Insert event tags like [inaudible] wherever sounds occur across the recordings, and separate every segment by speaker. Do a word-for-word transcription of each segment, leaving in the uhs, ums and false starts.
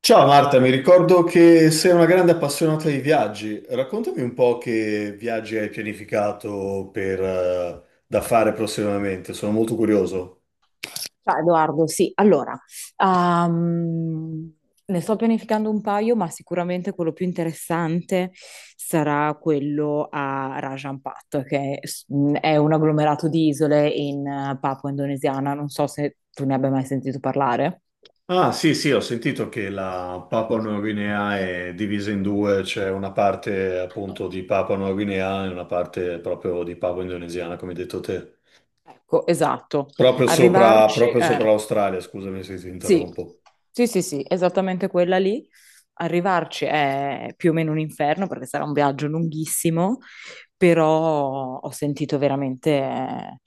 Speaker 1: Ciao Marta, mi ricordo che sei una grande appassionata di viaggi. Raccontami un po' che viaggi hai pianificato per, eh, da fare prossimamente, sono molto curioso.
Speaker 2: Ciao Edoardo, sì, allora, ehm, ne sto pianificando un paio, ma sicuramente quello più interessante sarà quello a Rajampat, che s- mh, è un agglomerato di isole in eh, Papua Indonesiana, non so se tu ne abbia mai sentito parlare.
Speaker 1: Ah, sì, sì, ho sentito che la Papua Nuova Guinea è divisa in due, c'è una parte appunto di Papua Nuova Guinea e una parte proprio di Papua Indonesiana, come hai detto te.
Speaker 2: Ecco, esatto,
Speaker 1: Proprio sopra,
Speaker 2: arrivarci...
Speaker 1: proprio
Speaker 2: eh.
Speaker 1: sopra l'Australia, scusami se ti
Speaker 2: sì,
Speaker 1: interrompo.
Speaker 2: sì, sì, sì, esattamente quella lì. Arrivarci è più o meno un inferno perché sarà un viaggio lunghissimo, però ho sentito veramente eh,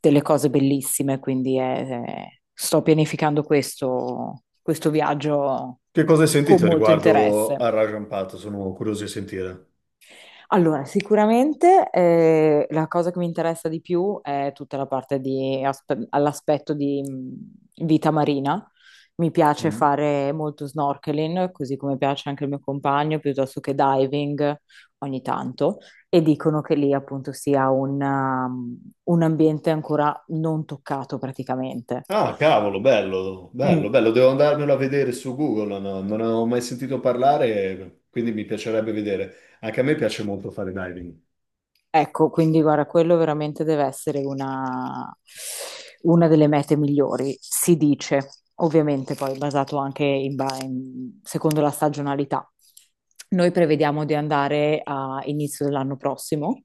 Speaker 2: delle cose bellissime, quindi eh, sto pianificando questo, questo viaggio
Speaker 1: Che cosa hai
Speaker 2: con
Speaker 1: sentito
Speaker 2: molto
Speaker 1: riguardo
Speaker 2: interesse.
Speaker 1: al Raja Ampat? Sono curioso di sentire.
Speaker 2: Allora, sicuramente eh, la cosa che mi interessa di più è tutta la parte di aspe- all'aspetto di mh, vita marina. Mi piace
Speaker 1: Mm.
Speaker 2: fare molto snorkeling, così come piace anche il mio compagno, piuttosto che diving ogni tanto. E dicono che lì appunto sia un, um, un ambiente ancora non toccato praticamente.
Speaker 1: Ah, cavolo, bello, bello,
Speaker 2: Mm.
Speaker 1: bello. Devo andarmelo a vedere su Google, no, non avevo mai sentito parlare, quindi mi piacerebbe vedere. Anche a me piace molto fare diving.
Speaker 2: Ecco, quindi guarda, quello veramente deve essere una, una delle mete migliori, si dice, ovviamente poi basato anche in ba- in- secondo la stagionalità. Noi prevediamo di andare a inizio dell'anno prossimo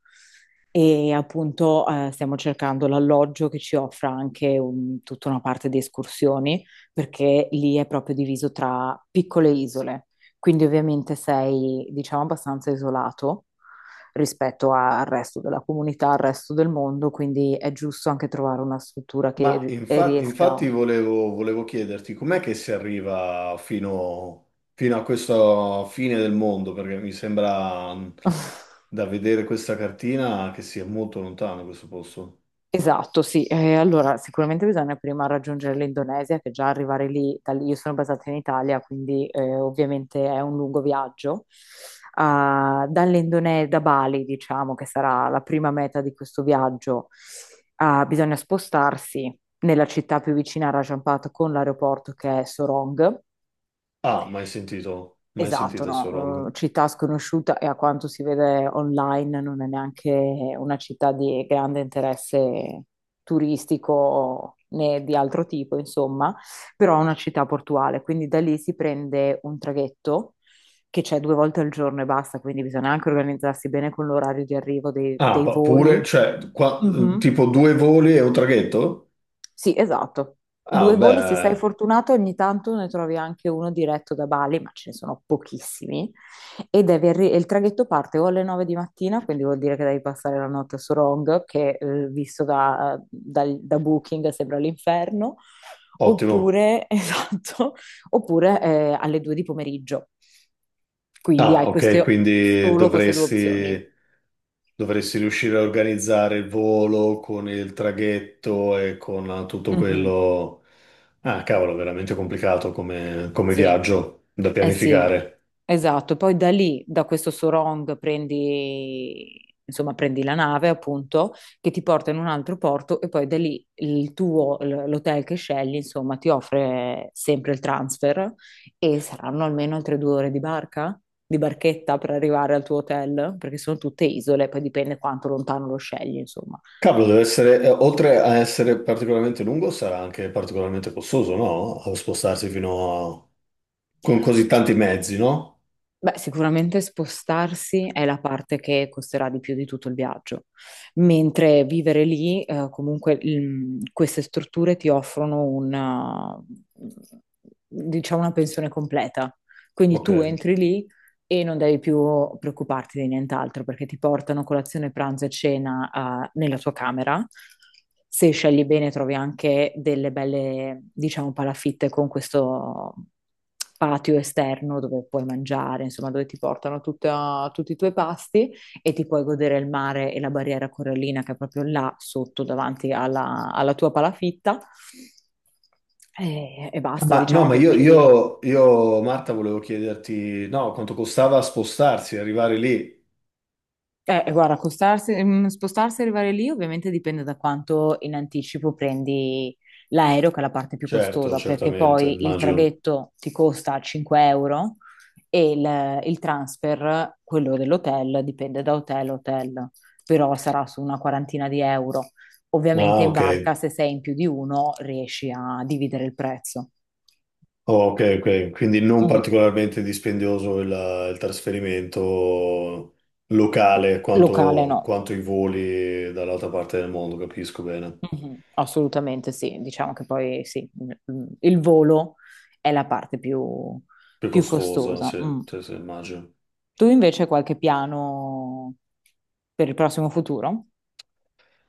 Speaker 2: e appunto eh, stiamo cercando l'alloggio che ci offra anche un- tutta una parte di escursioni, perché lì è proprio diviso tra piccole isole, quindi ovviamente sei, diciamo, abbastanza isolato rispetto a- al resto della comunità, al resto del mondo, quindi è giusto anche trovare una struttura che
Speaker 1: Ma
Speaker 2: ri- e
Speaker 1: infa- infatti
Speaker 2: riesca.
Speaker 1: volevo, volevo chiederti, com'è che si arriva fino, fino a questa fine del mondo? Perché mi sembra mh,
Speaker 2: [laughs]
Speaker 1: da vedere questa cartina che sia molto lontano questo posto.
Speaker 2: Esatto, sì. Eh, allora, sicuramente bisogna prima raggiungere l'Indonesia, che già arrivare lì, da lì- io sono basata in Italia, quindi eh, ovviamente è un lungo viaggio. Ah, dall'Indonesia, da Bali, diciamo, che sarà la prima meta di questo viaggio, ah, bisogna spostarsi nella città più vicina a Rajampata con l'aeroporto che è Sorong.
Speaker 1: Ah, mai sentito, mai
Speaker 2: Esatto,
Speaker 1: sentito Sorong.
Speaker 2: no, eh, città sconosciuta e a quanto si vede online non è neanche una città di grande interesse turistico né di altro tipo, insomma, però è una città portuale, quindi da lì si prende un traghetto che c'è due volte al giorno e basta, quindi bisogna anche organizzarsi bene con l'orario di arrivo dei,
Speaker 1: Ah,
Speaker 2: dei
Speaker 1: pa- pure,
Speaker 2: voli.
Speaker 1: cioè, qua- mm,
Speaker 2: Mhm.
Speaker 1: tipo due voli e un traghetto?
Speaker 2: Sì, esatto.
Speaker 1: Ah,
Speaker 2: Due voli, se sei
Speaker 1: beh,
Speaker 2: fortunato, ogni tanto ne trovi anche uno diretto da Bali, ma ce ne sono pochissimi. E devi arri- e il traghetto parte o alle nove di mattina, quindi vuol dire che devi passare la notte a Sorong, che eh, visto da, dal- da Booking sembra l'inferno,
Speaker 1: ottimo.
Speaker 2: oppure, [laughs] esatto, oppure eh, alle due di pomeriggio. Quindi
Speaker 1: Ah,
Speaker 2: hai
Speaker 1: ok,
Speaker 2: queste,
Speaker 1: quindi
Speaker 2: solo queste due
Speaker 1: dovresti,
Speaker 2: opzioni.
Speaker 1: dovresti riuscire a organizzare il volo con il traghetto e con tutto
Speaker 2: Mhm.
Speaker 1: quello. Ah, cavolo, veramente complicato come, come
Speaker 2: Sì,
Speaker 1: viaggio da
Speaker 2: eh sì,
Speaker 1: pianificare.
Speaker 2: esatto. Poi da lì, da questo Sorong, prendi, insomma, prendi la nave, appunto, che ti porta in un altro porto e poi da lì il tuo, l- l'hotel che scegli, insomma, ti offre sempre il transfer e saranno almeno altre due ore di barca, di barchetta per arrivare al tuo hotel, perché sono tutte isole, poi dipende quanto lontano lo scegli, insomma.
Speaker 1: Cavolo, deve essere, eh, oltre a essere particolarmente lungo, sarà anche particolarmente costoso, no? A spostarsi fino a... con così tanti mezzi, no?
Speaker 2: Beh, sicuramente spostarsi è la parte che costerà di più di tutto il viaggio, mentre vivere lì, eh, comunque, il- queste strutture ti offrono una, diciamo, una pensione completa. Quindi
Speaker 1: Ok.
Speaker 2: tu entri lì e non devi più preoccuparti di nient'altro perché ti portano colazione, pranzo e cena, eh, nella tua camera. Se scegli bene, trovi anche delle belle, diciamo, palafitte con questo patio esterno dove puoi mangiare, insomma, dove ti portano tutta- tutti i tuoi pasti e ti puoi godere il mare e la barriera corallina che è proprio là sotto, davanti alla alla tua palafitta. E, e basta,
Speaker 1: Ma no,
Speaker 2: diciamo
Speaker 1: ma
Speaker 2: che
Speaker 1: io,
Speaker 2: quindi.
Speaker 1: io, io, Marta, volevo chiederti, no, quanto costava spostarsi, arrivare lì?
Speaker 2: Eh, guarda, costarsi- mm, spostarsi e arrivare lì ovviamente dipende da quanto in anticipo prendi l'aereo, che è la parte più
Speaker 1: Certo,
Speaker 2: costosa, perché
Speaker 1: certamente,
Speaker 2: poi il
Speaker 1: immagino.
Speaker 2: traghetto ti costa cinque euro e il, il transfer, quello dell'hotel, dipende da hotel a hotel, però sarà su una quarantina di euro. Ovviamente
Speaker 1: Ah,
Speaker 2: in
Speaker 1: ok.
Speaker 2: barca, se sei in più di uno, riesci a dividere il prezzo.
Speaker 1: Oh, ok, ok. Quindi non
Speaker 2: Mm.
Speaker 1: particolarmente dispendioso il, il trasferimento locale
Speaker 2: Locale
Speaker 1: quanto,
Speaker 2: no.
Speaker 1: quanto i voli dall'altra parte del mondo, capisco bene.
Speaker 2: Mhm, assolutamente sì, diciamo che poi sì, mm, mm, il volo è la parte più,
Speaker 1: Più
Speaker 2: più
Speaker 1: costosa,
Speaker 2: costosa.
Speaker 1: sì,
Speaker 2: Mm.
Speaker 1: sì, sì, immagino.
Speaker 2: Tu invece hai qualche piano per il prossimo futuro?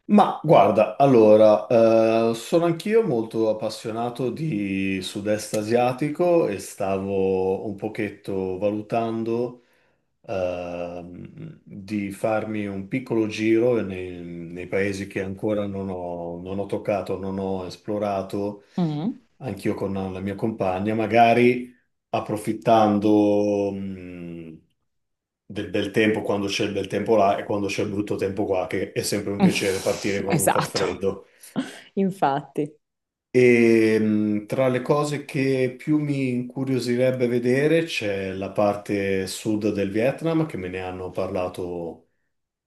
Speaker 1: Ma guarda, allora, eh, sono anch'io molto appassionato di sud-est asiatico e stavo un pochetto valutando ehm, di farmi un piccolo giro nei, nei paesi che ancora non ho, non ho toccato, non ho esplorato,
Speaker 2: Mm.
Speaker 1: anch'io con la mia compagna, magari approfittando, mh, del bel tempo quando c'è il bel tempo là e quando c'è il brutto tempo qua, che è sempre un piacere partire
Speaker 2: [laughs]
Speaker 1: quando fa
Speaker 2: Esatto,
Speaker 1: freddo.
Speaker 2: infatti.
Speaker 1: E mh, tra le cose che più mi incuriosirebbe vedere c'è la parte sud del Vietnam, che me ne hanno parlato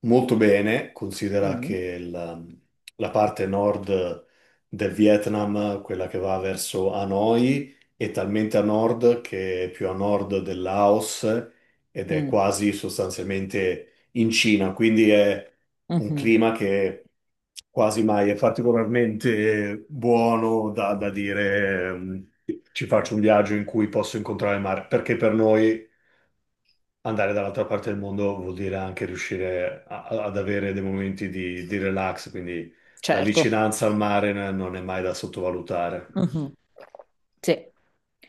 Speaker 1: molto bene, considera che
Speaker 2: Mm.
Speaker 1: il- la parte nord del Vietnam, quella che va verso Hanoi, è talmente a nord che è più a nord del Laos ed è
Speaker 2: Mm.
Speaker 1: quasi sostanzialmente in Cina, quindi è un
Speaker 2: Mhm.
Speaker 1: clima che quasi mai è particolarmente buono da, da dire ehm, ci faccio un viaggio in cui posso incontrare il mare, perché per noi andare dall'altra parte del mondo vuol dire anche riuscire a- a- ad avere dei momenti di, di relax, quindi la
Speaker 2: Certo.
Speaker 1: vicinanza al mare n- non è mai da sottovalutare.
Speaker 2: Mhm. Sì,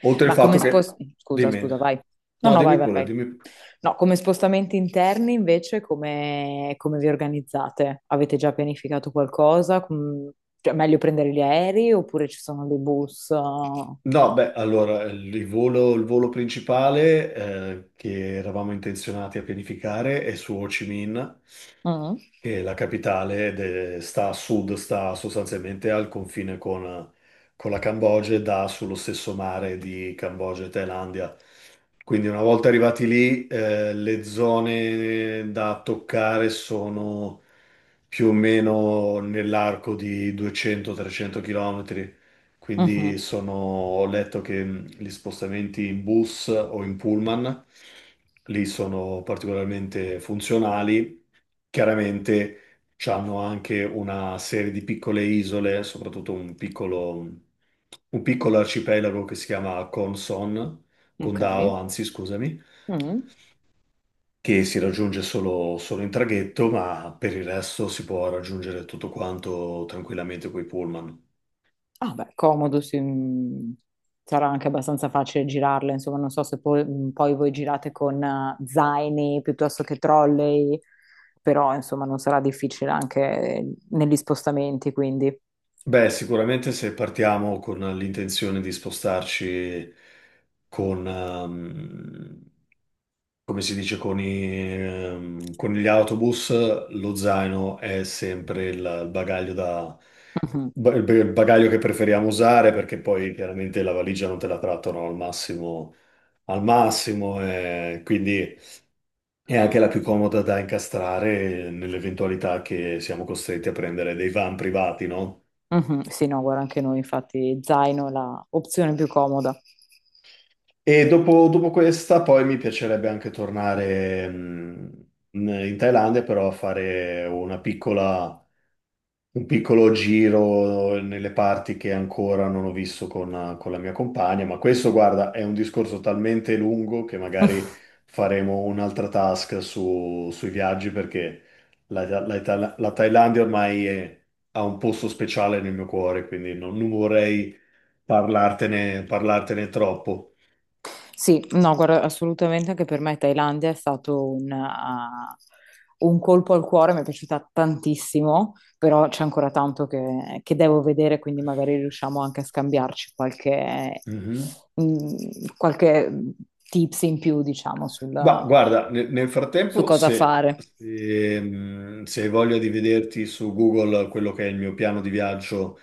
Speaker 1: Oltre il
Speaker 2: ma
Speaker 1: fatto
Speaker 2: come
Speaker 1: che...
Speaker 2: spostamenti. Scusa,
Speaker 1: Dimmi.
Speaker 2: scusa, vai. No,
Speaker 1: No,
Speaker 2: no, vai,
Speaker 1: dimmi
Speaker 2: vai,
Speaker 1: pure,
Speaker 2: vai.
Speaker 1: dimmi.
Speaker 2: No, come spostamenti interni invece, come, come vi organizzate? Avete già pianificato qualcosa? Com- Cioè, è meglio prendere gli aerei oppure ci sono dei bus? uh?
Speaker 1: No, beh, allora il volo, il volo principale eh, che eravamo intenzionati a pianificare è su Ho Chi Minh
Speaker 2: Mm.
Speaker 1: che è la capitale, de- sta a sud, sta sostanzialmente al confine con, con la Cambogia e dà sullo stesso mare di Cambogia e Thailandia. Quindi una volta arrivati lì, eh, le zone da toccare sono più o meno nell'arco di duecento trecento km. Quindi
Speaker 2: Mhm.
Speaker 1: sono, ho letto che mh, gli spostamenti in bus o in pullman lì sono particolarmente funzionali. Chiaramente c'hanno anche una serie di piccole isole, soprattutto un piccolo, un piccolo arcipelago che si chiama Conson,
Speaker 2: Ok.
Speaker 1: Condao, anzi, scusami,
Speaker 2: Mm.
Speaker 1: che si raggiunge solo, solo in traghetto, ma per il resto si può raggiungere tutto quanto tranquillamente coi pullman.
Speaker 2: Ah, beh, comodo, sì, mm, sarà anche abbastanza facile girarle, insomma, non so se poi, mm, poi voi girate con eh, zaini piuttosto che trolley, però insomma non sarà difficile anche eh, negli spostamenti, quindi.
Speaker 1: Beh, sicuramente se partiamo con l'intenzione di spostarci con, ehm, come si dice con, i, ehm, con gli autobus, lo zaino è sempre il, il bagaglio da,
Speaker 2: Mhm,
Speaker 1: ba- il il bagaglio che preferiamo usare perché poi chiaramente la valigia non te la trattano al massimo, al massimo e quindi è anche la più comoda da incastrare nell'eventualità che siamo costretti a prendere dei van privati, no?
Speaker 2: mhm, sì, no, guarda, anche noi infatti zaino è la opzione più comoda.
Speaker 1: E dopo, dopo questa poi mi piacerebbe anche tornare mh, in in Thailandia, però a fare una piccola un piccolo giro nelle parti che ancora non ho visto con, con la mia compagna, ma questo, guarda, è un discorso talmente lungo che magari
Speaker 2: [laughs]
Speaker 1: faremo un'altra task su- sui viaggi perché la, la Thail- la Thailandia ormai è- ha un posto speciale nel mio cuore, quindi non, non vorrei parlartene, parlartene troppo.
Speaker 2: Sì, no, guarda, assolutamente anche per me Thailandia è stato un, ah, un colpo al cuore, mi è piaciuta tantissimo, però c'è ancora tanto che, che devo vedere, quindi magari riusciamo anche a scambiarci qualche,
Speaker 1: Mhm.
Speaker 2: mm, qualche tips in più, diciamo, sul-
Speaker 1: Ma guarda, ne- nel
Speaker 2: su
Speaker 1: frattempo,
Speaker 2: cosa
Speaker 1: se,
Speaker 2: fare.
Speaker 1: se, mh, se hai voglia di vederti su Google quello che è il mio piano di viaggio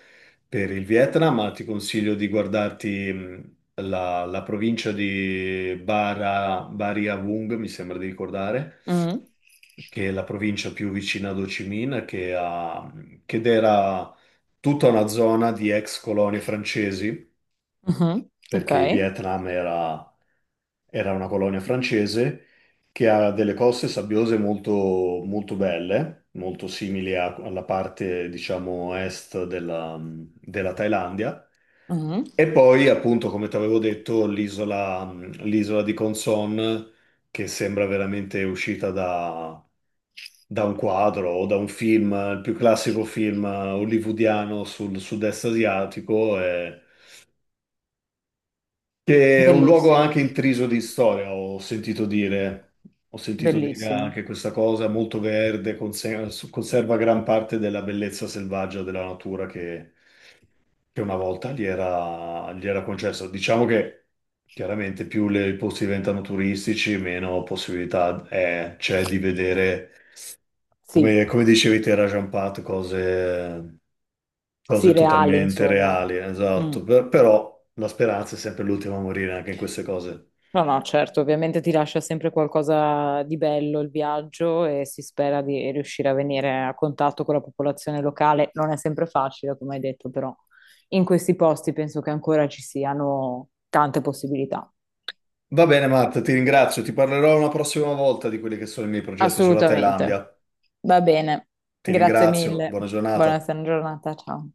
Speaker 1: per il Vietnam, ma ti consiglio di guardarti mh, la, la provincia di Bara, Bari a Vung, mi sembra di ricordare,
Speaker 2: Mm,
Speaker 1: che è la provincia più vicina ad Ho Chi Minh, che, ha- che era tutta una zona di ex colonie francesi
Speaker 2: mhm, ok,
Speaker 1: perché il Vietnam era, era una colonia francese che ha delle coste sabbiose molto, molto belle, molto simili a- alla parte, diciamo, est della, della Thailandia.
Speaker 2: mhm.
Speaker 1: E poi, appunto, come ti avevo detto, l'isola l'isola di Con Son, che sembra veramente uscita da, da un quadro o da un film, il più classico film eh, hollywoodiano sul sud-est asiatico. E che è un luogo anche
Speaker 2: Bellissimo,
Speaker 1: intriso di storia, ho sentito dire, ho sentito dire anche
Speaker 2: bellissimo.
Speaker 1: questa cosa, molto verde, conse- conserva gran parte della bellezza selvaggia della natura che, che una volta gli era, gli era concessa. Diciamo che chiaramente più le- i posti diventano turistici, meno possibilità è- c'è di vedere,
Speaker 2: Sì,
Speaker 1: come, come dicevi te, Rajan Pat, cose,
Speaker 2: sì,
Speaker 1: cose
Speaker 2: reali,
Speaker 1: totalmente
Speaker 2: insomma.
Speaker 1: reali,
Speaker 2: Mm.
Speaker 1: esatto. Per- però la speranza è sempre l'ultima a morire anche in queste cose.
Speaker 2: No, no, certo, ovviamente ti lascia sempre qualcosa di bello il viaggio e si spera di riuscire a venire a contatto con la popolazione locale. Non è sempre facile, come hai detto, però in questi posti penso che ancora ci siano tante possibilità.
Speaker 1: Va bene, Matt, ti ringrazio. Ti parlerò una prossima volta di quelli che sono i miei progetti sulla
Speaker 2: Assolutamente.
Speaker 1: Thailandia.
Speaker 2: Va bene.
Speaker 1: Ti
Speaker 2: Grazie
Speaker 1: ringrazio,
Speaker 2: mille.
Speaker 1: buona
Speaker 2: Buona
Speaker 1: giornata.
Speaker 2: giornata, ciao.